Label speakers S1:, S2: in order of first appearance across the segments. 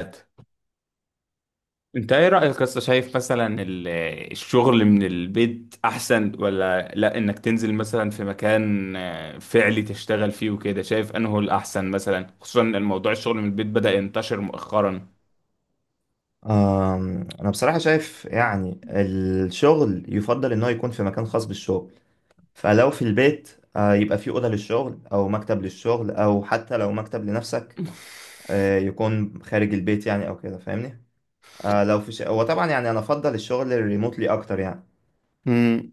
S1: انت ايه رأيك اصلا شايف مثلا الشغل من البيت احسن ولا لا انك تنزل مثلا في مكان فعلي تشتغل فيه وكده شايف انه الاحسن مثلا خصوصا ان الموضوع الشغل من البيت بدأ ينتشر مؤخرا.
S2: أنا بصراحة شايف يعني الشغل يفضل إن هو يكون في مكان خاص بالشغل. فلو في البيت يبقى في أوضة للشغل أو مكتب للشغل أو حتى لو مكتب لنفسك يكون خارج البيت يعني أو كده، فاهمني. هو طبعا يعني أنا أفضل الشغل الريموتلي أكتر يعني.
S1: مم.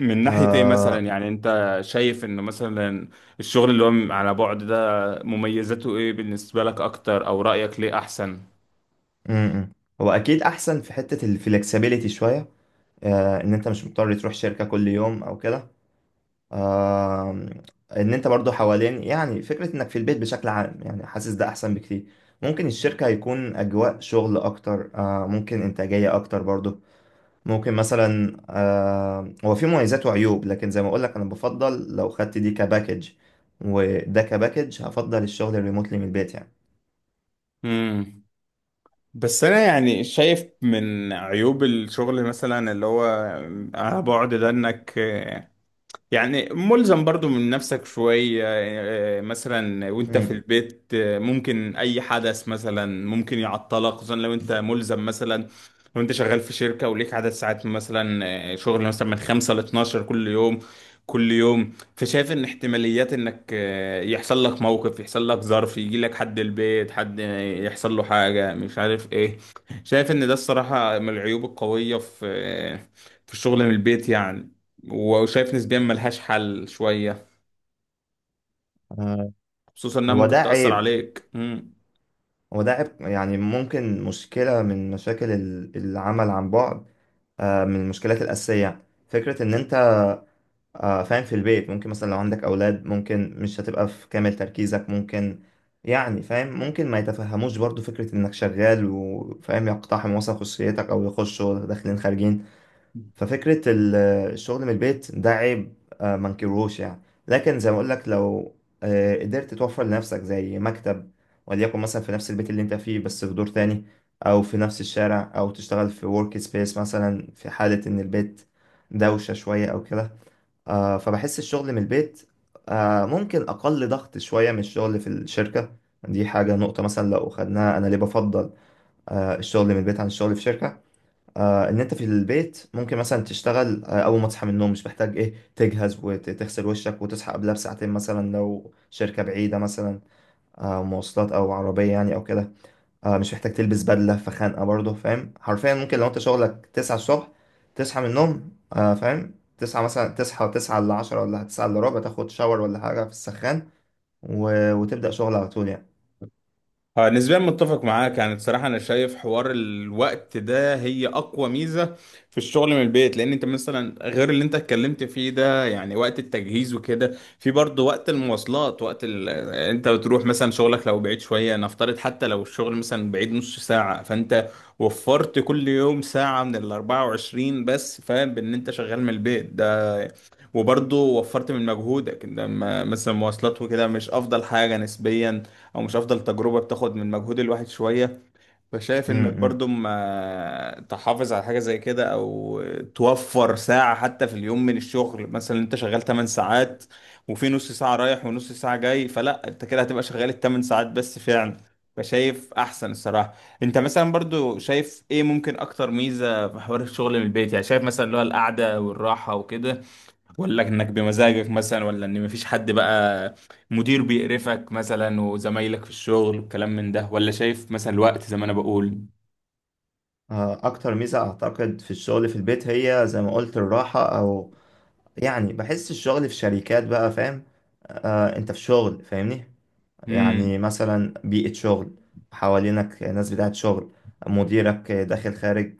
S1: من ناحية ايه مثلا
S2: آه،
S1: يعني انت شايف انه مثلا الشغل اللي هو على بعد ده مميزاته ايه بالنسبة لك اكتر او رأيك ليه احسن؟
S2: م- م. هو أكيد أحسن في حتة الفلكسبيليتي شوية، إن أنت مش مضطر تروح شركة كل يوم أو كده. آم، ان انت برضو حوالين يعني فكرة انك في البيت بشكل عام، يعني حاسس ده احسن بكتير. ممكن الشركة يكون اجواء شغل اكتر، ممكن انتاجية اكتر برضو، ممكن مثلا. هو في مميزات وعيوب، لكن زي ما اقولك انا بفضل لو خدت دي كباكج، وده كباكج هفضل الشغل الريموتلي من البيت يعني.
S1: مم. بس انا يعني شايف من عيوب الشغل مثلا اللي هو على بعد ده انك يعني ملزم برضو من نفسك شوية، مثلا وانت في
S2: مم.
S1: البيت ممكن اي حدث مثلا ممكن يعطلك، خصوصا لو انت ملزم مثلا، لو انت شغال في شركة وليك عدد ساعات مثلا، شغل مثلا من 5 ل 12 كل يوم. فشايف ان احتماليات انك يحصل لك موقف، يحصل لك ظرف، يجي لك حد البيت، حد يحصل له حاجة مش عارف ايه. شايف ان ده الصراحة من العيوب القوية في، في الشغل من البيت يعني، وشايف نسبيا ملهاش حل شوية،
S2: آه،
S1: خصوصا انها
S2: هو
S1: ممكن
S2: ده
S1: تأثر
S2: عيب،
S1: عليك.
S2: هو ده عيب، يعني ممكن مشكلة من مشاكل العمل عن بعد. من المشكلات الأساسية فكرة إن أنت فاهم، في البيت ممكن مثلا لو عندك أولاد، ممكن مش هتبقى في كامل تركيزك، ممكن يعني فاهم، ممكن ما يتفهموش برضو فكرة إنك شغال وفاهم، يقتحم مثلا خصوصيتك أو يخشوا داخلين خارجين. ففكرة الشغل من البيت ده عيب، ما انكروش يعني. لكن زي ما أقول لك، لو قدرت توفر لنفسك زي مكتب، وليكن مثلا في نفس البيت اللي أنت فيه بس في دور تاني، أو في نفس الشارع، أو تشتغل في ورك سبيس مثلا في حالة إن البيت دوشة شوية أو كده. فبحس الشغل من البيت ممكن أقل ضغط شوية من الشغل في الشركة. دي حاجة، نقطة مثلا لو خدناها، أنا ليه بفضل الشغل من البيت عن الشغل في شركة؟ إن أنت في البيت ممكن مثلا تشتغل أول ما تصحى من النوم، مش محتاج إيه تجهز وتغسل وشك وتصحى قبلها بساعتين مثلا لو شركة بعيدة مثلا، مواصلات أو عربية يعني أو كده. مش محتاج تلبس بدلة فخانقة برضه، فاهم، حرفيا ممكن لو انت شغلك 9 الصبح تصحى من النوم، فاهم، تصحى مثلا، تصحى 9 إلا 10 ولا 9 إلا ربع، تاخد شاور ولا حاجة في السخان و... وتبدأ شغل على طول يعني.
S1: نسبيا متفق معاك. يعني بصراحة أنا شايف حوار الوقت ده هي أقوى ميزة في الشغل من البيت، لأن أنت مثلا غير اللي أنت اتكلمت فيه ده يعني وقت التجهيز وكده، في برضه وقت المواصلات، وقت ال... آه، أنت بتروح مثلا شغلك لو بعيد شوية، نفترض حتى لو الشغل مثلا بعيد نص ساعة، فأنت وفرت كل يوم ساعة من ال 24، بس فاهم بإن أنت شغال من البيت وبرضه وفرت من مجهودك، إن لما مثلا مواصلات وكده مش افضل حاجة نسبيا، او مش افضل تجربة، بتاخد من مجهود الواحد شوية. فشايف
S2: م
S1: انك
S2: -م.
S1: برضه ما تحافظ على حاجة زي كده، او توفر ساعة حتى في اليوم من الشغل. مثلا انت شغال 8 ساعات وفي نص ساعة رايح ونص ساعة جاي، فلا انت كده هتبقى شغال الثمان ساعات بس فعلا. فشايف احسن الصراحة. انت مثلا برضو شايف ايه ممكن اكتر ميزة في حوار الشغل من البيت؟ يعني شايف مثلا اللي هو القعدة والراحة وكده، ولا انك بمزاجك مثلا، ولا ان مفيش حد بقى مدير بيقرفك مثلا وزمايلك في الشغل والكلام من ده، ولا شايف مثلا الوقت زي ما انا بقول؟
S2: أكتر ميزة أعتقد في الشغل في البيت هي زي ما قلت الراحة، أو يعني بحس الشغل في شركات بقى فاهم، أنت في شغل، فاهمني. يعني
S1: امم.
S2: مثلا بيئة شغل، حوالينك ناس بتاعت شغل، مديرك داخل خارج.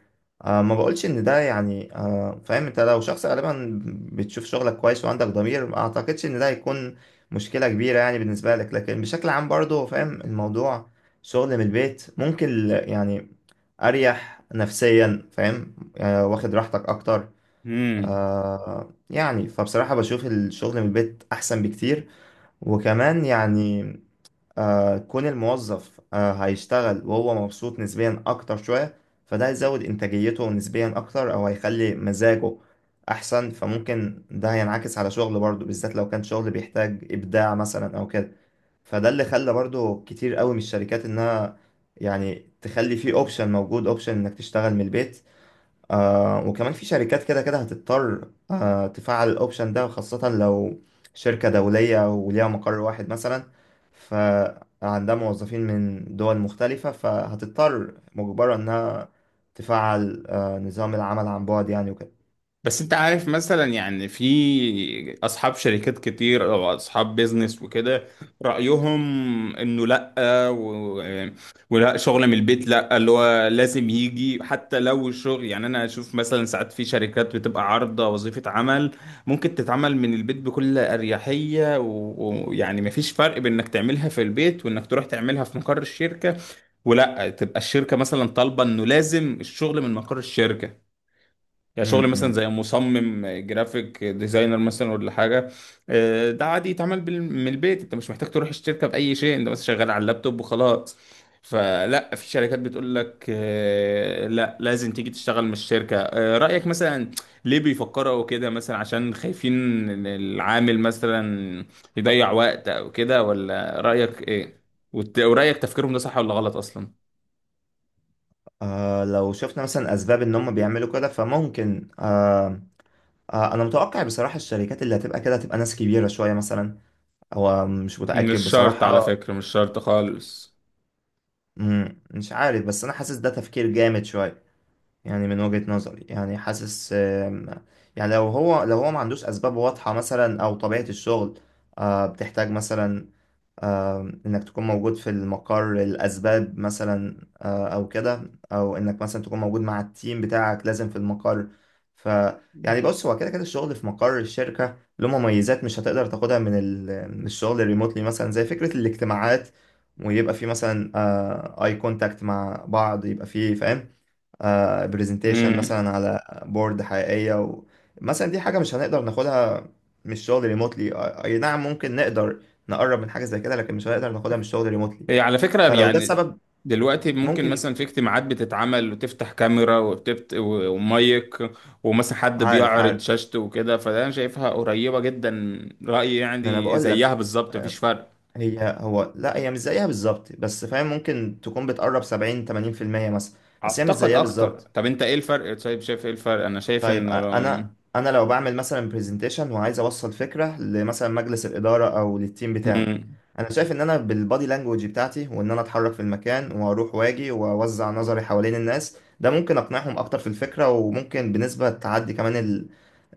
S2: ما بقولش ان ده يعني فاهم، انت لو شخص غالبا بتشوف شغلك كويس وعندك ضمير، ما اعتقدش ان ده هيكون مشكلة كبيرة يعني بالنسبة لك. لكن بشكل عام برضه فاهم، الموضوع شغل من البيت ممكن يعني اريح نفسيا، فاهم، واخد راحتك اكتر.
S1: امم.
S2: يعني فبصراحة بشوف الشغل من البيت احسن بكتير. وكمان يعني كون الموظف هيشتغل وهو مبسوط نسبيا أكتر شوية، فده هيزود إنتاجيته نسبيا أكتر، أو هيخلي مزاجه أحسن، فممكن ده هينعكس على شغله برضه، بالذات لو كان شغل بيحتاج إبداع مثلا أو كده. فده اللي خلى برضه كتير قوي من الشركات إنها يعني تخلي فيه أوبشن موجود، أوبشن إنك تشتغل من البيت. وكمان في شركات كده كده هتضطر تفعل الاوبشن ده، خاصة لو شركة دولية وليها مقر واحد مثلا، فعندها موظفين من دول مختلفة، فهتضطر مجبرة انها تفعل نظام العمل عن بعد يعني وكده.
S1: بس انت عارف مثلا، يعني في اصحاب شركات كتير او اصحاب بيزنس وكده، رأيهم انه لا و... ولا شغل من البيت، لا، اللي هو لازم يجي. حتى لو الشغل، يعني انا اشوف مثلا ساعات في شركات بتبقى عارضة وظيفة عمل ممكن تتعمل من البيت بكل اريحية ويعني مفيش فرق بين انك تعملها في البيت وانك تروح تعملها في مقر الشركة، ولا تبقى الشركة مثلا طالبة انه لازم الشغل من مقر الشركة. يعني شغل مثلا
S2: امم
S1: زي مصمم جرافيك ديزاينر مثلا ولا حاجه، ده عادي يتعمل من البيت. انت مش محتاج تروح الشركه باي شيء، انت بس شغال على اللابتوب وخلاص. فلا في شركات بتقول لك لا لازم تيجي تشتغل من الشركه. رايك مثلا ليه بيفكروا كده؟ مثلا عشان خايفين ان العامل مثلا يضيع وقت او كده، ولا رايك ايه؟ ورايك تفكيرهم ده صح ولا غلط اصلا؟
S2: لو شفنا مثلا اسباب ان هم بيعملوا كده، فممكن انا متوقع بصراحة، الشركات اللي هتبقى كده هتبقى ناس كبيرة شوية مثلا. هو مش متأكد
S1: مش شرط على
S2: بصراحة.
S1: فكره مش شرط خالص
S2: مش عارف، بس انا حاسس ده تفكير جامد شويه يعني، من وجهة نظري يعني. حاسس يعني لو هو ما عندوش اسباب واضحه مثلا، او طبيعه الشغل بتحتاج مثلا انك تكون موجود في المقر، الاسباب مثلا او كده، او انك مثلا تكون موجود مع التيم بتاعك لازم في المقر. ف يعني بص، هو كده كده الشغل في مقر الشركة له مميزات مش هتقدر تاخدها من من الشغل الريموتلي، مثلا زي فكرة الاجتماعات، ويبقى في مثلا اي كونتاكت مع بعض، يبقى في فاهم، برزنتيشن مثلا على بورد حقيقية. مثلا دي حاجة مش هنقدر ناخدها من الشغل ريموتلي. اي نعم، ممكن نقدر نقرب من حاجة زي كده، لكن مش هنقدر ناخدها من الشغل ريموتلي.
S1: هي على فكرة،
S2: فلو ده
S1: يعني
S2: السبب،
S1: دلوقتي ممكن
S2: ممكن يبقى.
S1: مثلا في اجتماعات بتتعمل وتفتح كاميرا وبتبت ومايك، ومثلا حد
S2: عارف،
S1: بيعرض
S2: عارف.
S1: شاشته وكده، فده انا شايفها قريبة جدا. رأيي
S2: ما انا
S1: يعني
S2: بقول لك،
S1: زيها بالظبط، مفيش
S2: آه،
S1: فرق.
S2: هي هو لا، هي مش زيها بالظبط، بس فاهم ممكن تكون بتقرب 70 80% مثلا. بس هي مش
S1: اعتقد
S2: زيها
S1: اكتر.
S2: بالظبط.
S1: طب انت ايه الفرق؟ طيب شايف ايه الفرق؟ انا شايف
S2: طيب، أ-
S1: انه
S2: انا انا لو بعمل مثلا برزنتيشن وعايز اوصل فكره لمثلا مجلس الاداره او للتيم بتاعي،
S1: مم.
S2: انا شايف ان انا بالبادي لانجوج بتاعتي وان انا اتحرك في المكان واروح واجي واوزع نظري حوالين الناس، ده ممكن اقنعهم اكتر في الفكره، وممكن بنسبه تعدي كمان ال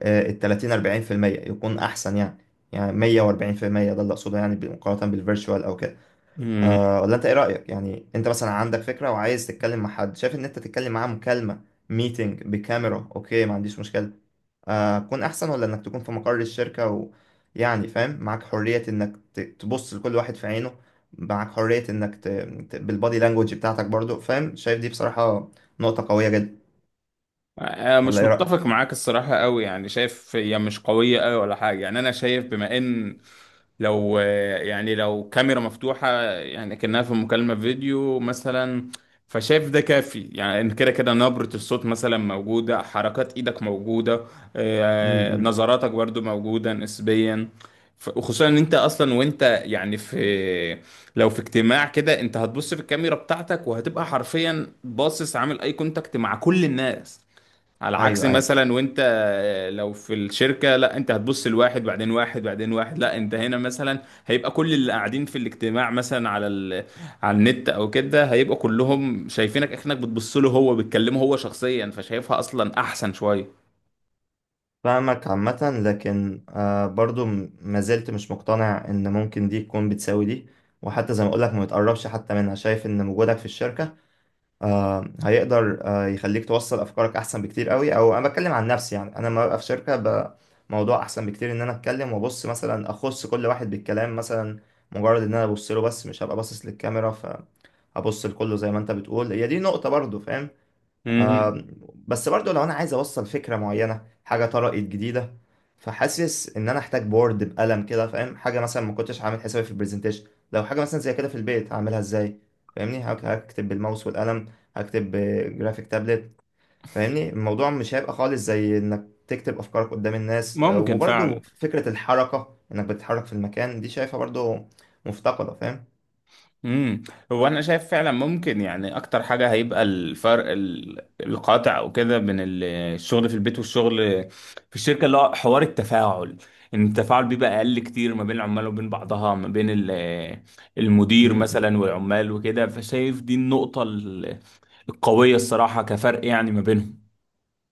S2: آه، ال 30 40% يكون احسن يعني. يعني 140% ده اللي اقصده يعني، مقارنه بالفيرتشوال او كده.
S1: مم.
S2: أه، ولا انت ايه رايك يعني؟ انت مثلا عندك فكره وعايز تتكلم مع حد، شايف ان انت تتكلم معاه مكالمه، ميتنج بكاميرا اوكي ما عنديش مشكله، تكون احسن، ولا انك تكون في مقر الشركة يعني فاهم، معاك حرية انك تبص لكل واحد في عينه، معاك حرية انك بالبادي لانجوج بتاعتك برضو، فاهم، شايف دي بصراحة نقطة قوية جدا.
S1: أنا
S2: ولا
S1: مش
S2: ايه رأيك؟
S1: متفق معاك الصراحة قوي، يعني شايف هي مش قوية قوي ولا حاجة. يعني انا شايف بما ان، لو يعني لو كاميرا مفتوحة، يعني كأنها في مكالمة فيديو مثلا، فشايف ده كافي. يعني إن كده كده نبرة الصوت مثلا موجودة، حركات ايدك موجودة،
S2: امم.
S1: نظراتك برضو موجودة نسبيا. وخصوصا ان انت اصلا وانت يعني في، لو في اجتماع كده انت هتبص في الكاميرا بتاعتك وهتبقى حرفيا باصص عامل اي كونتاكت مع كل الناس، على عكس
S2: ايوه، ايوه،
S1: مثلا وانت لو في الشركة، لا انت هتبص لواحد بعدين واحد بعدين واحد، لا انت هنا مثلا هيبقى كل اللي قاعدين في الاجتماع مثلا على على النت او كده، هيبقى كلهم شايفينك اكنك بتبص له هو، بتكلمه هو شخصيا، فشايفها اصلا احسن شوية.
S2: فاهمك عامة، لكن برضو ما زلت مش مقتنع ان ممكن دي تكون بتساوي دي، وحتى زي ما اقولك ما بتقربش حتى منها. شايف ان وجودك في الشركة هيقدر يخليك توصل افكارك احسن بكتير قوي. او انا بتكلم عن نفسي يعني، انا لما ببقى في شركه موضوع احسن بكتير ان انا اتكلم وابص مثلا، اخص كل واحد بالكلام مثلا، مجرد ان انا ابص له، بس مش هبقى باصص للكاميرا، فابص لكله زي ما انت بتقول. هي دي نقطه برضو فاهم.
S1: مم.
S2: آم، بس برضو لو انا عايز اوصل فكره معينه، حاجه طرقت جديده، فحاسس ان انا احتاج بورد بقلم كده فاهم. حاجه مثلا ما كنتش عامل حسابي في البرزنتيشن، لو حاجه مثلا زي كده في البيت هعملها ازاي؟ فاهمني، هكتب بالماوس والقلم، هكتب بجرافيك تابلت، فاهمني الموضوع مش هيبقى خالص زي انك تكتب افكارك قدام الناس.
S1: ممكن
S2: وبرضو
S1: فعلا.
S2: فكره الحركه انك بتتحرك في المكان دي، شايفها برضو مفتقده.
S1: امم. هو انا شايف فعلا ممكن، يعني اكتر حاجه هيبقى الفرق القاطع او كده بين الشغل في البيت والشغل في الشركه اللي هو حوار التفاعل، ان التفاعل بيبقى اقل كتير ما بين العمال وبين بعضها، ما بين المدير
S2: فاهم.
S1: مثلا والعمال وكده. فشايف دي النقطه القويه الصراحه كفرق يعني ما بينهم.